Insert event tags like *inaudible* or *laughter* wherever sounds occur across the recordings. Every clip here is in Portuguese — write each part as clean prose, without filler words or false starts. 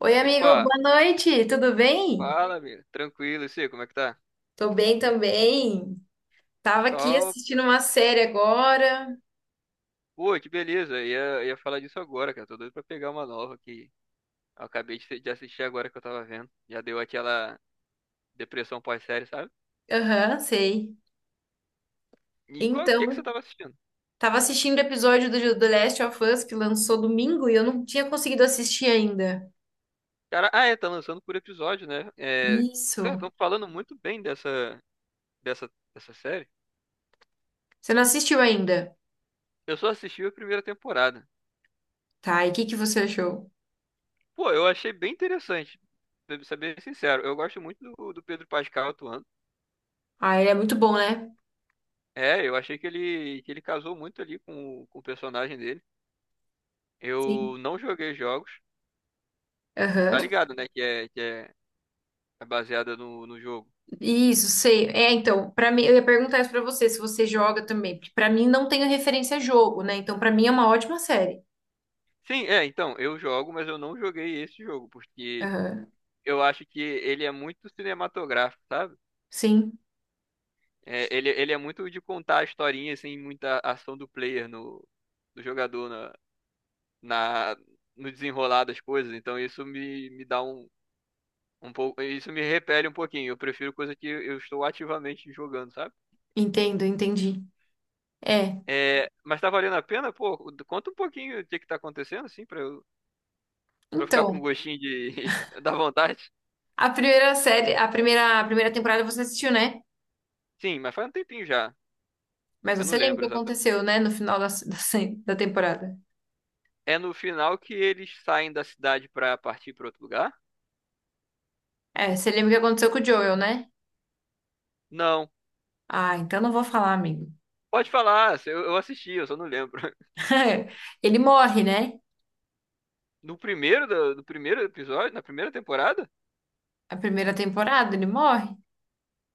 Oi, amigo, Opa, boa noite, tudo bem? fala, amigo. Tranquilo, e você, como é que tá? Tô bem também. Tava aqui Só, assistindo uma série agora. pô, que beleza. Ia falar disso agora, cara. Tô doido pra pegar uma nova que eu acabei de assistir agora que eu tava vendo. Já deu aquela depressão pós-série, sabe? Aham, sei. O que que você Então, tava assistindo? tava assistindo o episódio do The Last of Us que lançou domingo e eu não tinha conseguido assistir ainda. Cara, é, tá lançando por episódio, né? É, cara, Isso. estão falando muito bem dessa série. Você não assistiu ainda? Eu só assisti a primeira temporada. Tá, e o que que você achou? Pô, eu achei bem interessante. Pra ser bem sincero, eu gosto muito do Pedro Pascal atuando. Ah, ele é muito bom, né? É, eu achei que ele casou muito ali com o personagem dele. Sim. Eu não joguei jogos. Tá Aham. ligado, né? Que é baseada no jogo. Isso, sei. É, então, pra mim, eu ia perguntar isso pra você, se você joga também, porque pra mim não tenho referência a jogo, né? Então, pra mim é uma ótima série. Sim, é, então, eu jogo, mas eu não joguei esse jogo, porque Aham. eu acho que ele é muito cinematográfico, sabe? Sim. É, ele é muito de contar a historinha, assim, muita ação do player no, do jogador na, na, no desenrolar das coisas. Então isso me dá um pouco. Isso me repele um pouquinho. Eu prefiro coisa que eu estou ativamente jogando, sabe? Entendo, entendi. É. É, mas tá valendo a pena? Pô, conta um pouquinho o que que tá acontecendo, assim, pra eu ficar com Então, gostinho *laughs* da vontade. a primeira série, a primeira temporada você assistiu, né? Sim, mas faz um tempinho já. Mas Eu não você lembra o lembro que exatamente. aconteceu, né? No final *laughs* da temporada. É no final que eles saem da cidade pra partir pra outro lugar? É, você lembra o que aconteceu com o Joel, né? Não. Ah, então não vou falar, amigo. Pode falar, eu assisti, eu só não lembro. *laughs* *laughs* Ele morre, né? No primeiro, do, do primeiro episódio, na primeira temporada, A primeira temporada, ele morre.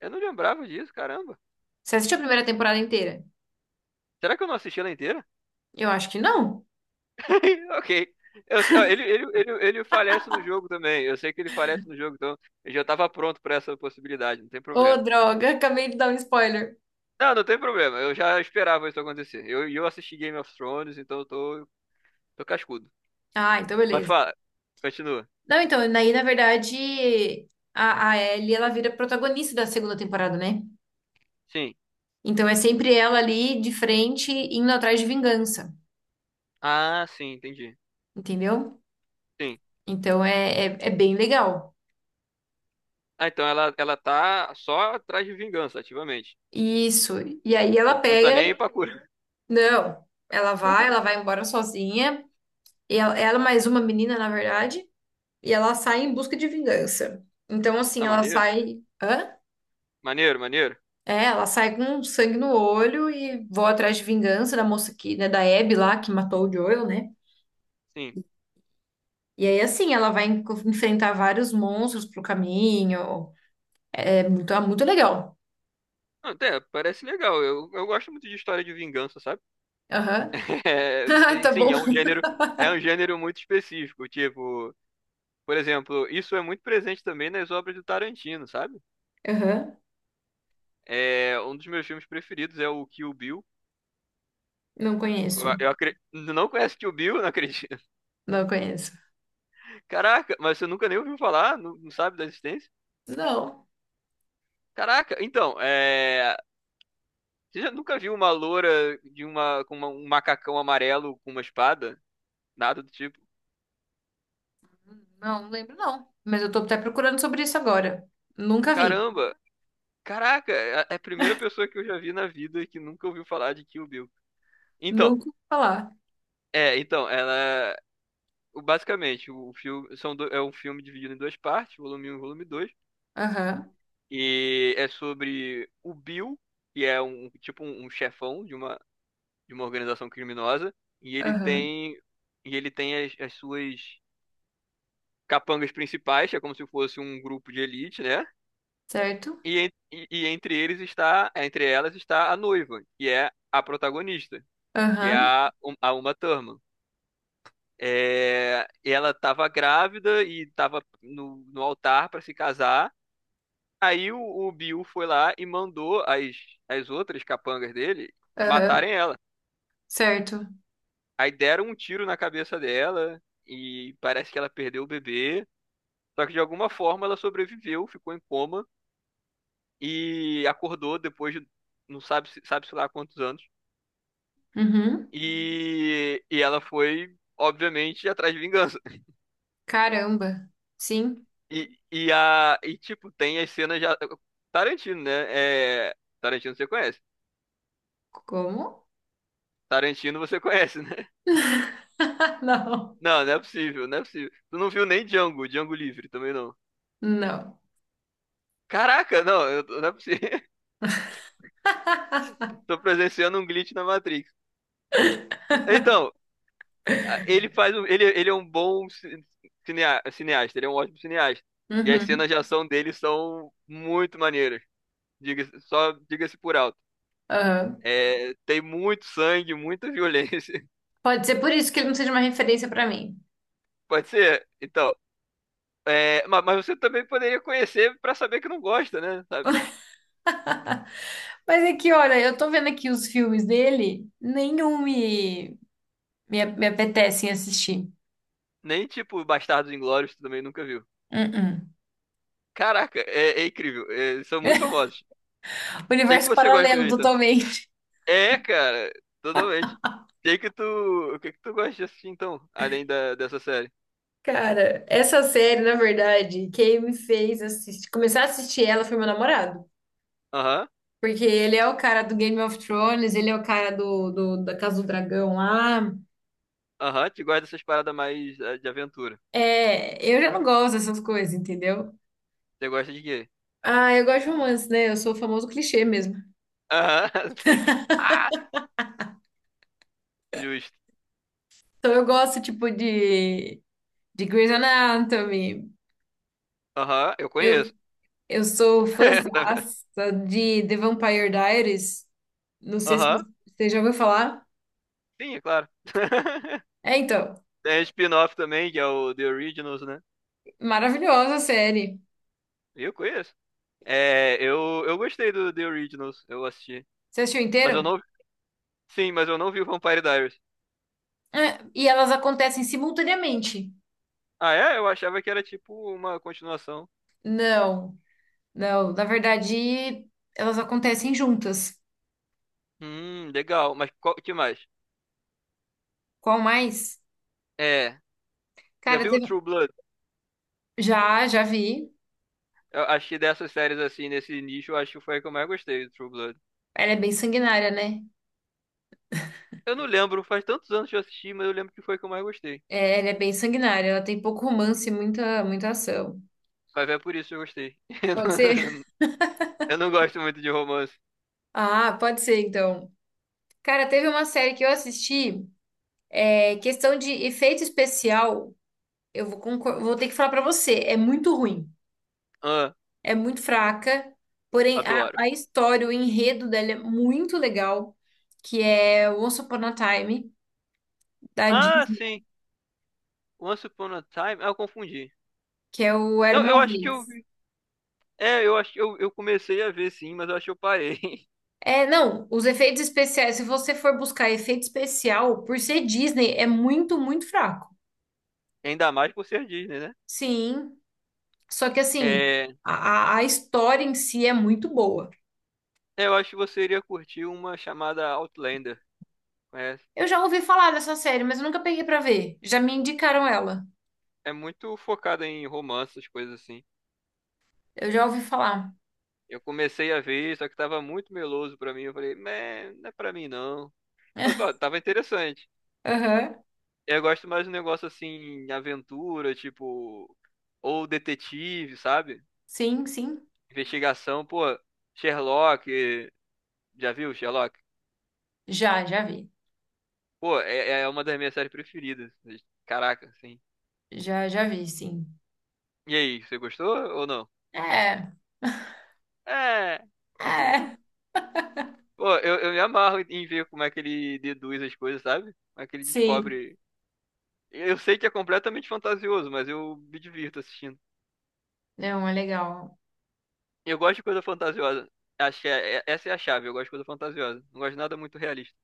eu não lembrava disso, caramba. Você assistiu a primeira temporada inteira? Será que eu não assisti ela inteira? Eu acho que não. *laughs* Ok. Ó, ele falece no jogo também. Eu sei que ele falece no jogo, então eu já tava pronto pra essa possibilidade, não tem Ô, problema. droga, *laughs* acabei de dar um spoiler. Não, não tem problema. Eu já esperava isso acontecer. E eu assisti Game of Thrones, então eu tô cascudo. Ah, então Mas beleza. fala, continua. Não, então, aí, na verdade, a Ellie, ela vira protagonista da segunda temporada, né? Sim. Então é sempre ela ali de frente indo atrás de vingança, Ah, sim, entendi. entendeu? Sim. Então é bem legal. Ah, então ela tá só atrás de vingança, ativamente. Isso. E aí ela Não, não tá pega. nem aí pra cura. Não, ela *laughs* vai embora sozinha. E ela mais uma menina, na verdade. E ela sai em busca de vingança. Então, assim, Ah, ela maneiro. sai. Hã? Maneiro, maneiro. É, ela sai com sangue no olho e voa atrás de vingança da moça que, né, da Abby lá, que matou o Joel, né? Sim. E aí, assim, ela vai enfrentar vários monstros pro caminho. É muito legal. Ah, até parece legal. Eu gosto muito de história de vingança, sabe? Aham. *laughs* *laughs* É, Ah, e tá sim, bom. é um gênero muito específico. Tipo, por exemplo, isso é muito presente também nas obras do Tarantino, sabe? Aham. É, um dos meus filmes preferidos é o Kill Bill. Não conheço. Não conhece Kill Bill? Não acredito. *laughs* Não conheço. Caraca, mas você nunca nem ouviu falar? Não, não sabe da existência? Não. Caraca, então, é... Você já nunca viu uma loura com um macacão amarelo com uma espada? Nada do tipo. Não, não lembro não. Mas eu tô até procurando sobre isso agora. Nunca vi. Caramba, caraca, é a primeira pessoa que eu já vi na vida que nunca ouviu falar de Kill Bill. Então, Nunca ouvi falar. é, então, ela... Basicamente, o filme são do- é um filme dividido em duas partes, volume 1 e volume 2. Aham. E é sobre o Bill, que é um chefão de uma organização criminosa, e ele Aham. tem e ele tem as suas capangas principais, que é como se fosse um grupo de elite, né? Certo? E entre elas está a noiva, que é a protagonista, que é Aham. a, um, a Uma Thurman. É, ela estava grávida e estava no altar para se casar. Aí o Bill foi lá e mandou as outras capangas dele Aham. matarem ela. Certo. Aí deram um tiro na cabeça dela e parece que ela perdeu o bebê. Só que de alguma forma ela sobreviveu, ficou em coma e acordou depois de não sabe, se- sabe-se lá quantos anos. Uhum. E ela foi, obviamente, atrás de vingança. *laughs* Caramba. Sim. E tipo, tem as cenas já. Tarantino, né? É, Tarantino você conhece. Como? Tarantino você conhece, né? *laughs* Não. Não, não é possível, não é possível. Tu não viu nem Django Livre também não. Não. Caraca, não, não é possível. *laughs* Tô presenciando um glitch na Matrix. Então, ele faz ele é um bom cineasta, ele é um ótimo cineasta. E as Uhum. cenas de ação dele são muito maneiras. Só diga-se por alto. Aham. É, tem muito sangue, muita violência. Pode ser por isso que ele não seja uma referência pra mim. *laughs* Pode ser. Então, é, mas, você também poderia conhecer pra saber que não gosta, né? Sabe? Mas é que, olha, eu tô vendo aqui os filmes dele, nenhum me me apetecem assistir. Nem tipo Bastardos Inglórios, tu também nunca viu. Uh-uh. Caraca, é incrível. É, eles são muito famosos. Tem que Universo você gosta de paralelo, ver, então? totalmente. É, cara, totalmente. Tem que tu. O que que tu gosta de assistir, então? Além dessa série? Cara, essa série, na verdade, quem me fez assistir, começar a assistir ela foi meu namorado. Aham, Porque ele é o cara do Game of Thrones, ele é o cara da Casa do Dragão lá. aham. Tu gosta dessas paradas mais de aventura. É, eu já não gosto dessas coisas, entendeu? Você gosta de quê? Ah, eu gosto de romance, né? Eu sou o famoso clichê mesmo. Aham, *laughs* sim. Ah, justo. Então eu gosto, tipo, de Grey's Anatomy. Aham, eu conheço. Eu sou *laughs* Tá vendo? fãzaça de The Vampire Diaries. Não sei se Aham, você já ouviu falar. sim, é claro. *laughs* É, então, Tem spin-off também, que é o The Originals, né? maravilhosa a série. Eu conheço. É, eu gostei do The Originals, eu assisti. Você assistiu Mas eu inteiro? não Sim, mas eu não vi o Vampire Diaries. É, e elas acontecem simultaneamente. Ah, é? Eu achava que era tipo uma continuação. Não, não. Na verdade, elas acontecem juntas. Legal. Mas qual que mais? Qual mais? É. Já Cara, viu o teve... True Blood? Já, já vi. Eu acho que dessas séries assim, nesse nicho, eu acho que foi a que eu mais gostei do True Blood. Ela é bem sanguinária, né? Eu não lembro, faz tantos anos que eu assisti, mas eu lembro que foi a que eu mais gostei. É, ela é bem sanguinária. Ela tem pouco romance e muita, muita ação. Mas é por isso que eu gostei. Pode ser? *laughs* *laughs* Eu não gosto muito de romance. Ah, pode ser, então. Cara, teve uma série que eu assisti. É questão de efeito especial, eu vou, vou ter que falar pra você, é muito ruim, Ah, é muito fraca, porém adoro. a história, o enredo dela é muito legal, que é Once Upon a Time, da Ah, Disney, sim. Once Upon a Time. Ah, eu confundi. que é o Era Eu, Uma eu acho que eu Vez. vi. É, eu acho que eu comecei a ver sim, mas eu acho que eu parei. *laughs* É, não, os efeitos especiais, se você for buscar efeito especial, por ser Disney, é muito, muito fraco. Ainda mais por ser Disney, né? Sim, só que assim, É, a história em si é muito boa. é, eu acho que você iria curtir uma chamada Outlander. É, Eu já ouvi falar dessa série, mas eu nunca peguei pra ver. Já me indicaram ela. é muito focada em romances, coisas assim. Eu já ouvi falar. Eu comecei a ver, só que tava muito meloso pra mim. Eu falei, "Meh, não é pra mim não. Mas *laughs* pô, tava interessante. Aham. Eu gosto mais de um negócio assim, aventura, tipo, ou detetive, sabe? Sim, sim. Investigação, pô, Sherlock, já viu Sherlock? Já, já vi. Pô, é uma das minhas séries preferidas. Caraca, assim. Já, já vi, sim. E aí, você gostou ou não? É, É. *laughs* é. Pô, eu me amarro em ver como é que ele deduz as coisas, sabe? Como é que ele Sim. descobre. Eu sei que é completamente fantasioso, mas eu me divirto assistindo. Não, é legal. Eu gosto de coisa fantasiosa. Acho que essa é a chave, eu gosto de coisa fantasiosa. Não gosto de nada muito realista.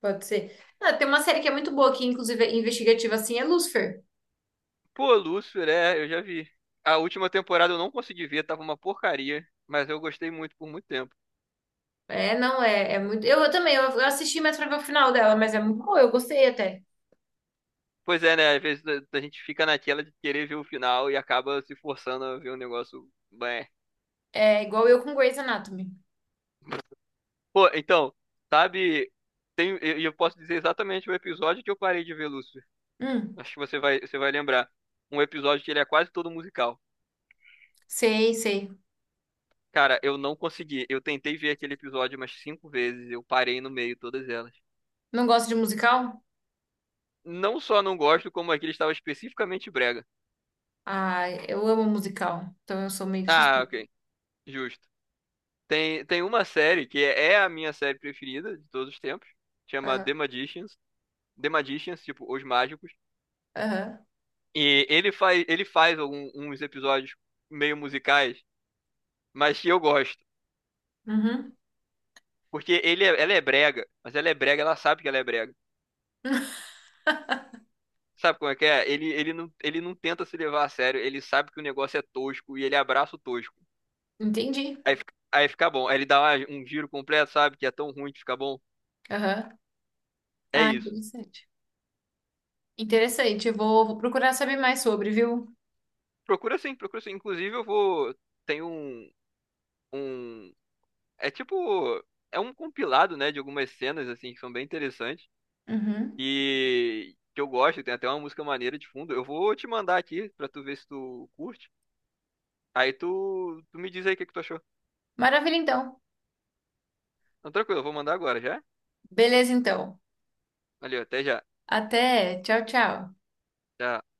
Pode ser. Ah, tem uma série que é muito boa aqui, inclusive é investigativa, assim, é Lucifer. Pô, Lúcifer, é, eu já vi. A última temporada eu não consegui ver, tava uma porcaria, mas eu gostei muito por muito tempo. É, não, é, é muito. Eu também, eu assisti mais pra ver o final dela, mas é muito boa, eu gostei até. Pois é, né? Às vezes a gente fica naquela de querer ver o final e acaba se forçando a ver um negócio. Bem. É igual eu com Grey's Anatomy. Pô, então, sabe, eu posso dizer exatamente o episódio que eu parei de ver Lúcifer. Hum, Acho que você vai lembrar. Um episódio que ele é quase todo musical. sei, sei. Cara, eu não consegui. Eu tentei ver aquele episódio umas cinco vezes. Eu parei no meio, todas elas. Não gosto de musical? Não só não gosto, como aquele estava especificamente brega. Ah, eu amo musical. Então eu sou meio Ah, suspeita. ok. Justo. Tem uma série que é a minha série preferida de todos os tempos. Chama Aham, The Magicians. The Magicians, tipo, Os Mágicos. aham. E ele faz alguns episódios meio musicais mas que eu gosto. Uhum. Porque ela é brega, mas ela é brega, ela sabe que ela é brega. Sabe como é que é? Ele não tenta se levar a sério, ele sabe que o negócio é tosco e ele abraça o tosco. Entendi. Aí fica bom. Aí ele dá um giro completo, sabe? Que é tão ruim que fica bom. Aham. É Ah, isso. interessante. Interessante. Vou procurar saber mais sobre, viu? Procura sim, procura sim. Inclusive eu vou. Tem um. É tipo. É um compilado, né? De algumas cenas, assim, que são bem interessantes. Uhum. E que eu gosto, tem até uma música maneira de fundo. Eu vou te mandar aqui pra tu ver se tu curte. Aí tu me diz aí o que que tu achou. Maravilha, então. Então, tranquilo, eu vou mandar agora, já? Beleza, então. Valeu, até já. Até. Tchau, tchau. Tchau.